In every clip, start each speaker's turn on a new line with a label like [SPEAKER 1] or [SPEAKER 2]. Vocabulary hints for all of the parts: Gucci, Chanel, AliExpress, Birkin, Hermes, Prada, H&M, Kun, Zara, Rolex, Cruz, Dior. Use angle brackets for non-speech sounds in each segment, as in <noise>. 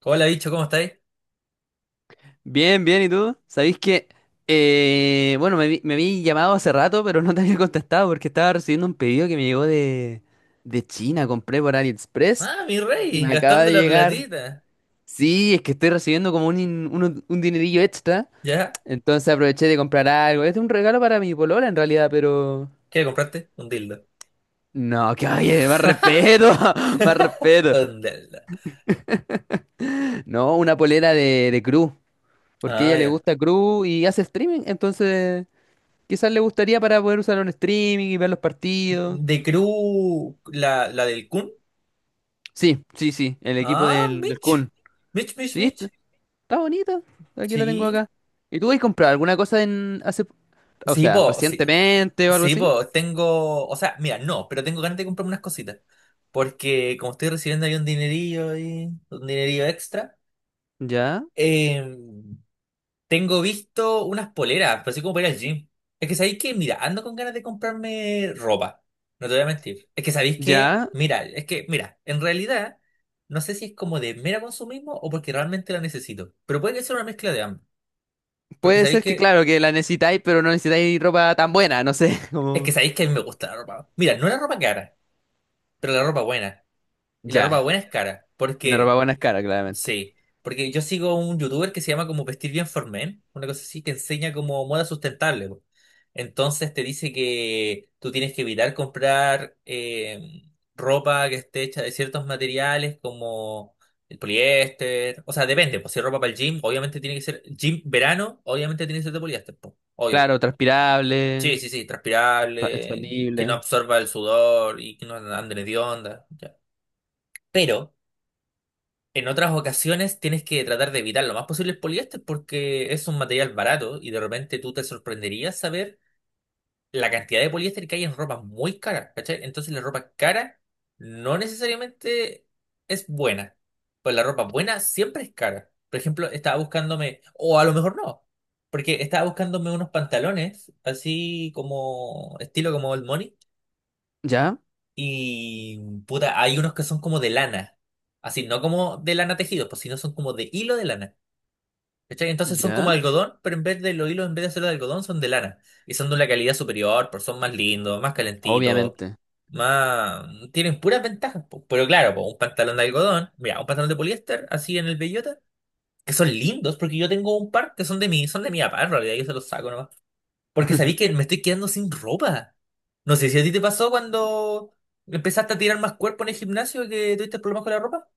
[SPEAKER 1] Hola, bicho, ¿cómo estáis?
[SPEAKER 2] Bien, bien, ¿y tú? ¿Sabéis que, bueno, me, me habí llamado hace rato, pero no te había contestado porque estaba recibiendo un pedido que me llegó de China? Compré por AliExpress
[SPEAKER 1] Ah, mi rey,
[SPEAKER 2] y me acaba
[SPEAKER 1] gastando
[SPEAKER 2] de
[SPEAKER 1] la
[SPEAKER 2] llegar.
[SPEAKER 1] platita.
[SPEAKER 2] Sí, es que estoy recibiendo como un, un dinerillo extra,
[SPEAKER 1] ¿Ya?
[SPEAKER 2] entonces aproveché de comprar algo. Este es un regalo para mi polola en realidad, pero...
[SPEAKER 1] ¿Qué compraste? Un dildo.
[SPEAKER 2] No, <laughs> que oye, más respeto,
[SPEAKER 1] <laughs>
[SPEAKER 2] <laughs> más respeto.
[SPEAKER 1] Un dildo.
[SPEAKER 2] No, una polera de Cruz, porque a
[SPEAKER 1] Ah,
[SPEAKER 2] ella le
[SPEAKER 1] ya.
[SPEAKER 2] gusta Cruz y hace streaming, entonces... Quizás le gustaría para poder usarlo en streaming y ver los partidos.
[SPEAKER 1] ¿De Crew, la del Kun?
[SPEAKER 2] Sí, sí, sí, el equipo
[SPEAKER 1] Ah,
[SPEAKER 2] del
[SPEAKER 1] Mitch.
[SPEAKER 2] Kun.
[SPEAKER 1] Mitch, Mitch,
[SPEAKER 2] Sí,
[SPEAKER 1] Mitch.
[SPEAKER 2] está bonito. Aquí la tengo
[SPEAKER 1] Sí.
[SPEAKER 2] acá. ¿Y tú has comprado alguna cosa en hace, o
[SPEAKER 1] Sí,
[SPEAKER 2] sea,
[SPEAKER 1] po, sí.
[SPEAKER 2] recientemente o algo
[SPEAKER 1] Sí,
[SPEAKER 2] así?
[SPEAKER 1] po, tengo. O sea, mira, no, pero tengo ganas de comprarme unas cositas. Porque como estoy recibiendo ahí un dinerillo y un dinerillo extra.
[SPEAKER 2] Ya,
[SPEAKER 1] Eh, Tengo visto unas poleras, pero así como para ir al gym. Es que sabéis que, mira, ando con ganas de comprarme ropa. No te voy a mentir. Es que sabéis que,
[SPEAKER 2] ya.
[SPEAKER 1] mira, es que, mira, en realidad, no sé si es como de mera consumismo o porque realmente la necesito. Pero puede que sea una mezcla de ambos. Porque
[SPEAKER 2] Puede
[SPEAKER 1] sabéis
[SPEAKER 2] ser que,
[SPEAKER 1] que,
[SPEAKER 2] claro, que la necesitáis, pero no necesitáis ropa tan buena, no sé. <laughs>
[SPEAKER 1] es que
[SPEAKER 2] Como...
[SPEAKER 1] sabéis que a mí me gusta la ropa. Mira, no la ropa cara, pero la ropa buena. Y la ropa
[SPEAKER 2] Ya,
[SPEAKER 1] buena es cara.
[SPEAKER 2] la ropa
[SPEAKER 1] Porque
[SPEAKER 2] buena es cara, claramente.
[SPEAKER 1] sí, porque yo sigo un youtuber que se llama como Vestir Bien for Men, una cosa así que enseña como moda sustentable, po. Entonces te dice que tú tienes que evitar comprar ropa que esté hecha de ciertos materiales como el poliéster. O sea, depende, pues si es ropa para el gym, obviamente tiene que ser gym verano, obviamente tiene que ser de poliéster, po, obvio.
[SPEAKER 2] Claro,
[SPEAKER 1] Sí,
[SPEAKER 2] transpirable,
[SPEAKER 1] sí, sí, transpirable, que no
[SPEAKER 2] expandible.
[SPEAKER 1] absorba el sudor y que no ande de onda. Pero en otras ocasiones tienes que tratar de evitar lo más posible el poliéster porque es un material barato y de repente tú te sorprenderías saber la cantidad de poliéster que hay en ropa muy cara, ¿cachai? Entonces la ropa cara no necesariamente es buena, pues la ropa buena siempre es cara. Por ejemplo, estaba buscándome, o a lo mejor no, porque estaba buscándome unos pantalones así como estilo como el Money,
[SPEAKER 2] Ya,
[SPEAKER 1] y puta, hay unos que son como de lana. Así, no como de lana tejido, pues sino son como de hilo de lana. ¿Cachai? Entonces son como
[SPEAKER 2] ya,
[SPEAKER 1] algodón, pero en vez de los hilos, en vez de ser de algodón, son de lana. Y son de una calidad superior, porque son más lindos, más calentitos,
[SPEAKER 2] obviamente.
[SPEAKER 1] más... Tienen puras ventajas, po. Pero claro, po, un pantalón de algodón, mira, un pantalón de poliéster, así en el bellota, que son lindos, porque yo tengo un par que son de mí, son de mi papá, en realidad yo se los saco porque sabí que
[SPEAKER 2] <laughs>
[SPEAKER 1] me estoy quedando sin ropa. No sé si a ti te pasó cuando empezaste a tirar más cuerpo en el gimnasio y que tuviste problemas con la ropa.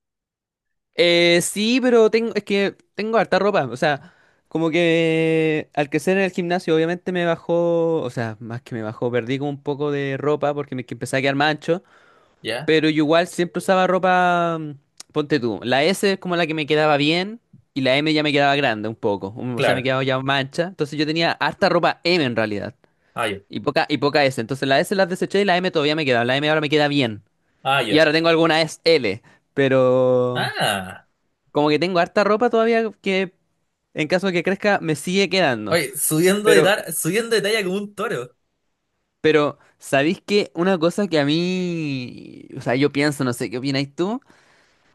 [SPEAKER 2] Sí, pero tengo, es que tengo harta ropa. O sea, como que al crecer en el gimnasio, obviamente me bajó, o sea, más que me bajó, perdí como un poco de ropa porque me que empecé a quedar mancho.
[SPEAKER 1] Ya,
[SPEAKER 2] Pero yo igual siempre usaba ropa, ponte tú, la S es como la que me quedaba bien y la M ya me quedaba grande un poco. O sea, me
[SPEAKER 1] claro.
[SPEAKER 2] quedaba ya mancha. Entonces yo tenía harta ropa M en realidad
[SPEAKER 1] Ah, yo.
[SPEAKER 2] y poca S. Entonces la S las deseché y la M todavía me quedaba. La M ahora me queda bien.
[SPEAKER 1] Ah, yo.
[SPEAKER 2] Y ahora tengo alguna S L, pero.
[SPEAKER 1] Ah.
[SPEAKER 2] Como que tengo harta ropa todavía que en caso de que crezca me sigue quedando.
[SPEAKER 1] Oye, subiendo de,
[SPEAKER 2] Pero,
[SPEAKER 1] subiendo de talla como un toro.
[SPEAKER 2] ¿Sabéis que una cosa que a mí, o sea, yo pienso, no sé, ¿qué opináis tú?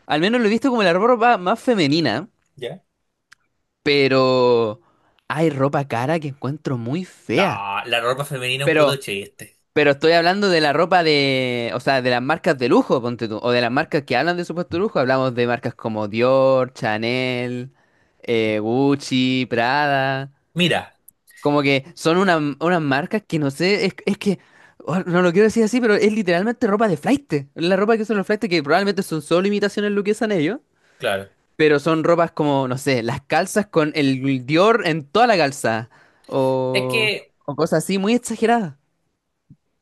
[SPEAKER 2] Al menos lo he visto como la ropa más femenina,
[SPEAKER 1] ¿Ya?
[SPEAKER 2] pero hay ropa cara que encuentro muy
[SPEAKER 1] No,
[SPEAKER 2] fea.
[SPEAKER 1] la ropa femenina es un puto
[SPEAKER 2] Pero,
[SPEAKER 1] chiste.
[SPEAKER 2] pero estoy hablando de la ropa de, o sea, de las marcas de lujo, ponte tú, o de las marcas que hablan de supuesto lujo. Hablamos de marcas como Dior, Chanel, Gucci, Prada.
[SPEAKER 1] Mira,
[SPEAKER 2] Como que son unas marcas que no sé, es que, oh, no lo quiero decir así, pero es literalmente ropa de flaite. La ropa que usan los flaites, que probablemente son solo imitaciones lo que usan ellos,
[SPEAKER 1] claro.
[SPEAKER 2] pero son ropas como, no sé, las calzas con el Dior en toda la calza,
[SPEAKER 1] Es
[SPEAKER 2] o,
[SPEAKER 1] que
[SPEAKER 2] o cosas así muy exageradas.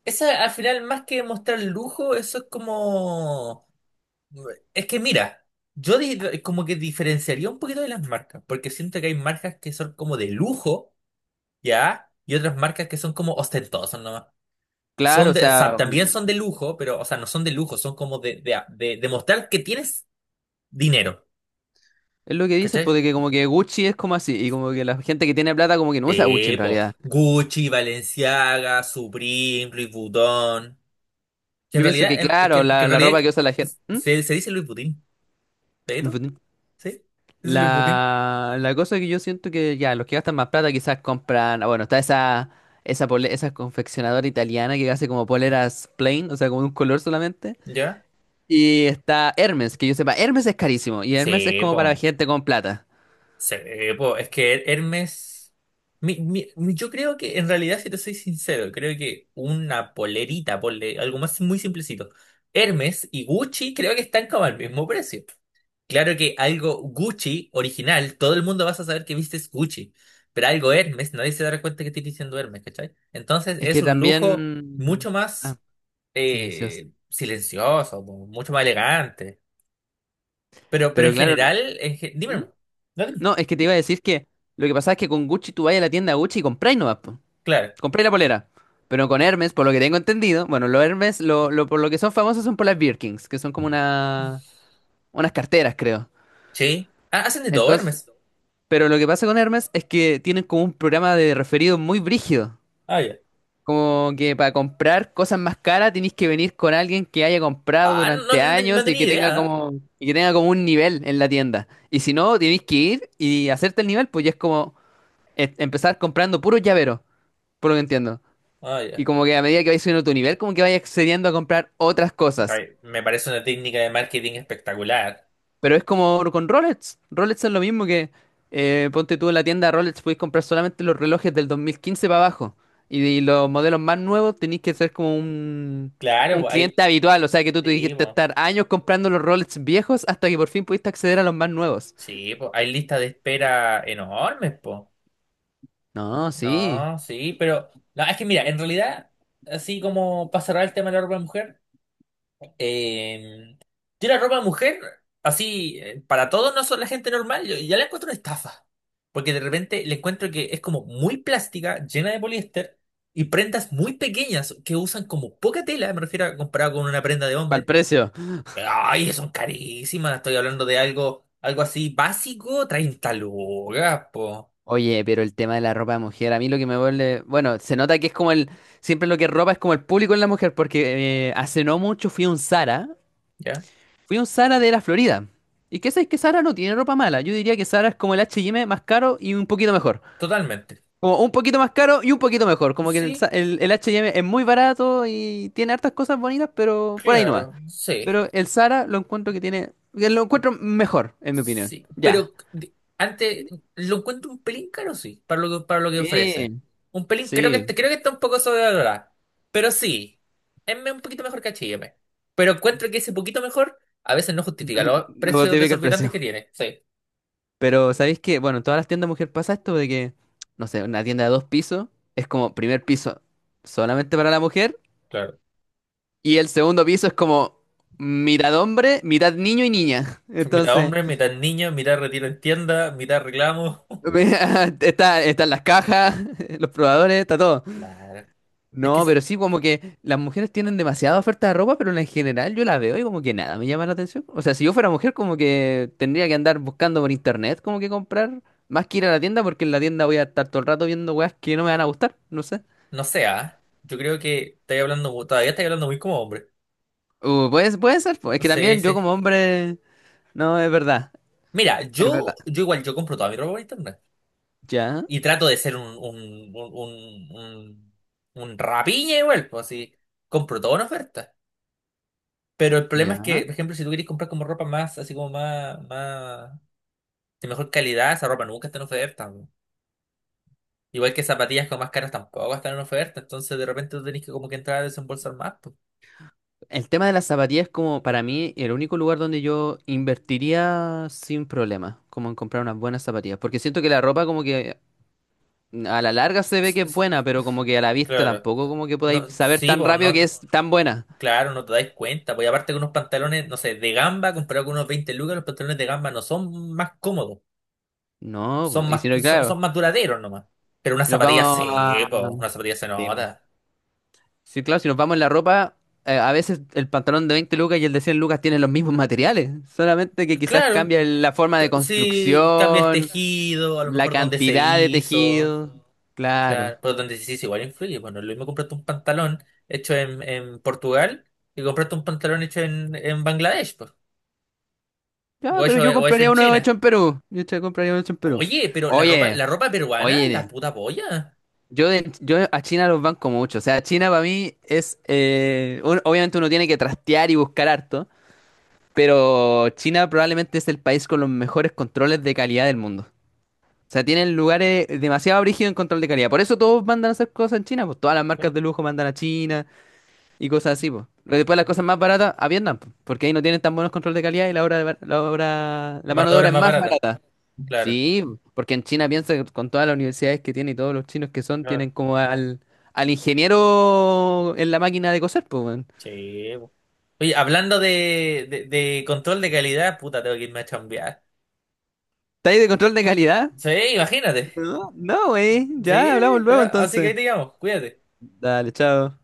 [SPEAKER 1] eso al final, más que mostrar lujo, eso es como... Es que mira, yo como que diferenciaría un poquito de las marcas, porque siento que hay marcas que son como de lujo, ¿ya? Y otras marcas que son como ostentosas nomás.
[SPEAKER 2] Claro,
[SPEAKER 1] Son
[SPEAKER 2] o
[SPEAKER 1] de,
[SPEAKER 2] sea,
[SPEAKER 1] también son de lujo, pero, o sea, no son de lujo, son como de, de mostrar que tienes dinero,
[SPEAKER 2] es lo que dicen, pues,
[SPEAKER 1] ¿cachai?
[SPEAKER 2] de que como que Gucci es como así, y como que la gente que tiene plata como que no usa Gucci en
[SPEAKER 1] Tipo
[SPEAKER 2] realidad.
[SPEAKER 1] Gucci, Balenciaga, Supreme, Louis Vuitton. Que en
[SPEAKER 2] Yo pienso
[SPEAKER 1] realidad,
[SPEAKER 2] que, claro,
[SPEAKER 1] que en
[SPEAKER 2] la
[SPEAKER 1] realidad
[SPEAKER 2] ropa que usa la gente...
[SPEAKER 1] se, se dice Louis Vuitton, ¿pero?
[SPEAKER 2] ¿Mm?
[SPEAKER 1] ¿Sí? Se dice Louis Vuitton,
[SPEAKER 2] La cosa que yo siento que ya, los que gastan más plata quizás compran, ah, bueno, está esa confeccionadora italiana que hace como poleras plain, o sea, como de un color solamente.
[SPEAKER 1] ¿ya?
[SPEAKER 2] Y está Hermes, que yo sepa, Hermes es carísimo y Hermes es
[SPEAKER 1] Sí,
[SPEAKER 2] como para
[SPEAKER 1] po.
[SPEAKER 2] gente con plata.
[SPEAKER 1] Po, es que Hermes, yo creo que en realidad, si te soy sincero, creo que una polerita, ponle algo más muy simplecito. Hermes y Gucci creo que están como al mismo precio. Claro que algo Gucci original, todo el mundo vas a saber que vistes Gucci, pero algo Hermes, nadie se dará cuenta que estoy diciendo Hermes, ¿cachai? Entonces
[SPEAKER 2] Es
[SPEAKER 1] es
[SPEAKER 2] que
[SPEAKER 1] un lujo
[SPEAKER 2] también...
[SPEAKER 1] mucho
[SPEAKER 2] Ah,
[SPEAKER 1] más
[SPEAKER 2] silencioso.
[SPEAKER 1] silencioso, mucho más elegante. Pero
[SPEAKER 2] Pero
[SPEAKER 1] en
[SPEAKER 2] claro,
[SPEAKER 1] general, dime,
[SPEAKER 2] ¿Mm?
[SPEAKER 1] nomás. No, dime.
[SPEAKER 2] No, es que te iba a decir que lo que pasa es que con Gucci tú vas a la tienda Gucci y compráis nomás, po.
[SPEAKER 1] Claro.
[SPEAKER 2] Compré la polera. Pero con Hermes, por lo que tengo entendido, bueno, los Hermes, por lo que son famosos son por las Birkins, que son como una, unas carteras, creo.
[SPEAKER 1] Sí. Ah, hacen de todo,
[SPEAKER 2] Entonces,
[SPEAKER 1] Hermes.
[SPEAKER 2] pero lo que pasa con Hermes es que tienen como un programa de referido muy brígido.
[SPEAKER 1] Ah, ya.
[SPEAKER 2] Como que para comprar cosas más caras tenéis que venir con alguien que haya comprado
[SPEAKER 1] Ah, no, no,
[SPEAKER 2] durante
[SPEAKER 1] no
[SPEAKER 2] años y
[SPEAKER 1] tenía
[SPEAKER 2] que tenga
[SPEAKER 1] idea, ¿eh?
[SPEAKER 2] como, y que tenga como un nivel en la tienda. Y si no, tenéis que ir y hacerte el nivel, pues ya es como empezar comprando puros llaveros, por lo que entiendo.
[SPEAKER 1] Ah,
[SPEAKER 2] Y
[SPEAKER 1] ya.
[SPEAKER 2] como que a medida que vais subiendo tu nivel, como que vais accediendo a comprar otras cosas.
[SPEAKER 1] Ay, me parece una técnica de marketing espectacular.
[SPEAKER 2] Pero es como con Rolex. Rolex es lo mismo que ponte tú, en la tienda Rolex podéis comprar solamente los relojes del 2015 para abajo. Y los modelos más nuevos tenéis que ser como
[SPEAKER 1] Claro,
[SPEAKER 2] un
[SPEAKER 1] pues hay.
[SPEAKER 2] cliente habitual. O sea que tú
[SPEAKER 1] Sí,
[SPEAKER 2] tuviste que
[SPEAKER 1] pues.
[SPEAKER 2] estar años comprando los Rolex viejos hasta que por fin pudiste acceder a los más nuevos.
[SPEAKER 1] Sí, pues hay listas de espera enormes, pues.
[SPEAKER 2] No, sí.
[SPEAKER 1] No, sí, pero. No, es que mira, en realidad, así como para cerrar el tema de la ropa de mujer. Eh, tira ropa de mujer, así, para todos no son la gente normal, yo ya la encuentro una estafa. Porque de repente le encuentro que es como muy plástica, llena de poliéster, y prendas muy pequeñas que usan como poca tela, me refiero a comparado con una prenda de
[SPEAKER 2] Para el
[SPEAKER 1] hombre.
[SPEAKER 2] precio.
[SPEAKER 1] Ay, son carísimas, estoy hablando de algo, algo así básico, 30 lucas, po.
[SPEAKER 2] Oye, pero el tema de la ropa de mujer, a mí lo que me vuelve, bueno, se nota que es como el, siempre lo que es ropa es como el público en la mujer, porque hace no mucho fui a un Zara,
[SPEAKER 1] ¿Ya?
[SPEAKER 2] fui a un Zara de la Florida. ¿Y qué sabes que Zara no tiene ropa mala? Yo diría que Zara es como el H&M más caro y un poquito mejor.
[SPEAKER 1] Totalmente.
[SPEAKER 2] Como un poquito más caro y un poquito mejor. Como que
[SPEAKER 1] Sí,
[SPEAKER 2] el H&M es muy barato y tiene hartas cosas bonitas, pero por ahí no va.
[SPEAKER 1] claro, sí.
[SPEAKER 2] Pero el Zara lo encuentro que tiene, que lo encuentro mejor, en mi opinión.
[SPEAKER 1] Sí,
[SPEAKER 2] Ya.
[SPEAKER 1] pero antes lo encuentro un pelín caro, sí, para lo que ofrece.
[SPEAKER 2] Sí,
[SPEAKER 1] Un pelín, creo que,
[SPEAKER 2] sí,
[SPEAKER 1] creo que está un poco sobrevalorada. Pero sí, es un poquito mejor que H&M. Pero encuentro que ese poquito mejor a veces no justifica los
[SPEAKER 2] lo
[SPEAKER 1] precios
[SPEAKER 2] justifica el
[SPEAKER 1] desorbitantes que
[SPEAKER 2] precio.
[SPEAKER 1] tiene. Sí,
[SPEAKER 2] Pero ¿sabéis que? Bueno, en todas las tiendas mujer pasa esto de que, no sé, una tienda de dos pisos es como primer piso solamente para la mujer
[SPEAKER 1] claro.
[SPEAKER 2] y el segundo piso es como mitad hombre, mitad niño y niña.
[SPEAKER 1] Mitad
[SPEAKER 2] Entonces,
[SPEAKER 1] hombre, mitad niño, mitad retiro en tienda, mitad reclamo. <laughs>
[SPEAKER 2] <laughs> está, están las cajas, <laughs> los probadores, está todo.
[SPEAKER 1] Claro. Es que,
[SPEAKER 2] No, pero sí, como que las mujeres tienen demasiada oferta de ropa, pero en general yo la veo y como que nada me llama la atención. O sea, si yo fuera mujer, como que tendría que andar buscando por internet, como que comprar, más que ir a la tienda, porque en la tienda voy a estar todo el rato viendo weas que no me van a gustar, no sé.
[SPEAKER 1] no sé, ¿ah? Yo creo que estoy hablando, todavía estoy hablando muy como hombre.
[SPEAKER 2] Puede, puede ser, pues, es
[SPEAKER 1] No
[SPEAKER 2] que
[SPEAKER 1] sé,
[SPEAKER 2] también yo
[SPEAKER 1] sí.
[SPEAKER 2] como hombre, no, es verdad,
[SPEAKER 1] Mira,
[SPEAKER 2] es
[SPEAKER 1] yo,
[SPEAKER 2] verdad.
[SPEAKER 1] yo igual, yo compro toda mi ropa por internet.
[SPEAKER 2] Ya,
[SPEAKER 1] Y trato de ser un, un rapiña igual, pues así. Compro todo una oferta. Pero el problema es
[SPEAKER 2] ya.
[SPEAKER 1] que, por ejemplo, si tú quieres comprar como ropa más, así como más, más, de mejor calidad, esa ropa nunca está en oferta, po. Igual que zapatillas como más caras tampoco están en oferta. Entonces de repente tú tenés que como que entrar a desembolsar más, po.
[SPEAKER 2] El tema de las zapatillas es como para mí el único lugar donde yo invertiría sin problema, como en comprar unas buenas zapatillas, porque siento que la ropa como que a la larga
[SPEAKER 1] <laughs>
[SPEAKER 2] se ve
[SPEAKER 1] S-
[SPEAKER 2] que es
[SPEAKER 1] s-
[SPEAKER 2] buena, pero como que a la vista
[SPEAKER 1] Claro.
[SPEAKER 2] tampoco como que podáis
[SPEAKER 1] No,
[SPEAKER 2] saber
[SPEAKER 1] sí,
[SPEAKER 2] tan
[SPEAKER 1] pues
[SPEAKER 2] rápido que
[SPEAKER 1] no,
[SPEAKER 2] es tan buena.
[SPEAKER 1] claro, no te dais cuenta. Pues y aparte que unos pantalones, no sé, de gamba, comparado con unos 20 lucas, los pantalones de gamba no son más cómodos.
[SPEAKER 2] No, po,
[SPEAKER 1] Son
[SPEAKER 2] y
[SPEAKER 1] más,
[SPEAKER 2] si no, claro,
[SPEAKER 1] son más duraderos nomás. Pero una
[SPEAKER 2] si nos
[SPEAKER 1] zapatilla
[SPEAKER 2] vamos
[SPEAKER 1] sí,
[SPEAKER 2] a...
[SPEAKER 1] po, una zapatilla se
[SPEAKER 2] Sí, po.
[SPEAKER 1] nota.
[SPEAKER 2] Sí, claro, si nos vamos en la ropa, a veces el pantalón de 20 lucas y el de 100 lucas tienen los mismos materiales, solamente que quizás
[SPEAKER 1] Claro,
[SPEAKER 2] cambia la forma de
[SPEAKER 1] sí, cambia el
[SPEAKER 2] construcción,
[SPEAKER 1] tejido, a lo
[SPEAKER 2] la
[SPEAKER 1] mejor donde se
[SPEAKER 2] cantidad de
[SPEAKER 1] hizo.
[SPEAKER 2] tejido. Claro.
[SPEAKER 1] Claro, pero donde se hizo igual influye. Bueno, lo mismo compraste un pantalón hecho en Portugal y compraste un pantalón hecho en Bangladesh, po,
[SPEAKER 2] Ya, pero yo
[SPEAKER 1] o hecho
[SPEAKER 2] compraría
[SPEAKER 1] en
[SPEAKER 2] uno hecho
[SPEAKER 1] China.
[SPEAKER 2] en Perú. Yo te compraría uno hecho en Perú.
[SPEAKER 1] Oye, pero
[SPEAKER 2] Oye,
[SPEAKER 1] la ropa peruana es la
[SPEAKER 2] oye.
[SPEAKER 1] puta polla.
[SPEAKER 2] Yo, yo a China los banco mucho. O sea, China para mí es. Obviamente uno tiene que trastear y buscar harto. Pero China probablemente es el país con los mejores controles de calidad del mundo. O sea, tienen lugares demasiado brígidos en control de calidad. Por eso todos mandan a hacer cosas en China. Pues todas las marcas
[SPEAKER 1] Claro.
[SPEAKER 2] de lujo mandan a China y cosas así, pues. Pero después las cosas más baratas a Vietnam, po, porque ahí no tienen tan buenos control de calidad y la obra, la
[SPEAKER 1] La mano
[SPEAKER 2] mano
[SPEAKER 1] de
[SPEAKER 2] de
[SPEAKER 1] obra
[SPEAKER 2] obra
[SPEAKER 1] es
[SPEAKER 2] es
[SPEAKER 1] más
[SPEAKER 2] más
[SPEAKER 1] barata.
[SPEAKER 2] barata.
[SPEAKER 1] Claro,
[SPEAKER 2] Sí, porque en China piensa que con todas las universidades que tiene y todos los chinos que son,
[SPEAKER 1] claro,
[SPEAKER 2] tienen como al, al ingeniero en la máquina de coser, pues, weón.
[SPEAKER 1] sí. Oye, hablando de, control de calidad, puta, tengo que irme a chambear.
[SPEAKER 2] ¿Está ahí de control de calidad?
[SPEAKER 1] Sí, imagínate.
[SPEAKER 2] No, no, güey.
[SPEAKER 1] Sí,
[SPEAKER 2] Ya hablamos
[SPEAKER 1] sí,
[SPEAKER 2] luego
[SPEAKER 1] ya. Así que ahí
[SPEAKER 2] entonces.
[SPEAKER 1] te llamo, cuídate.
[SPEAKER 2] Dale, chao.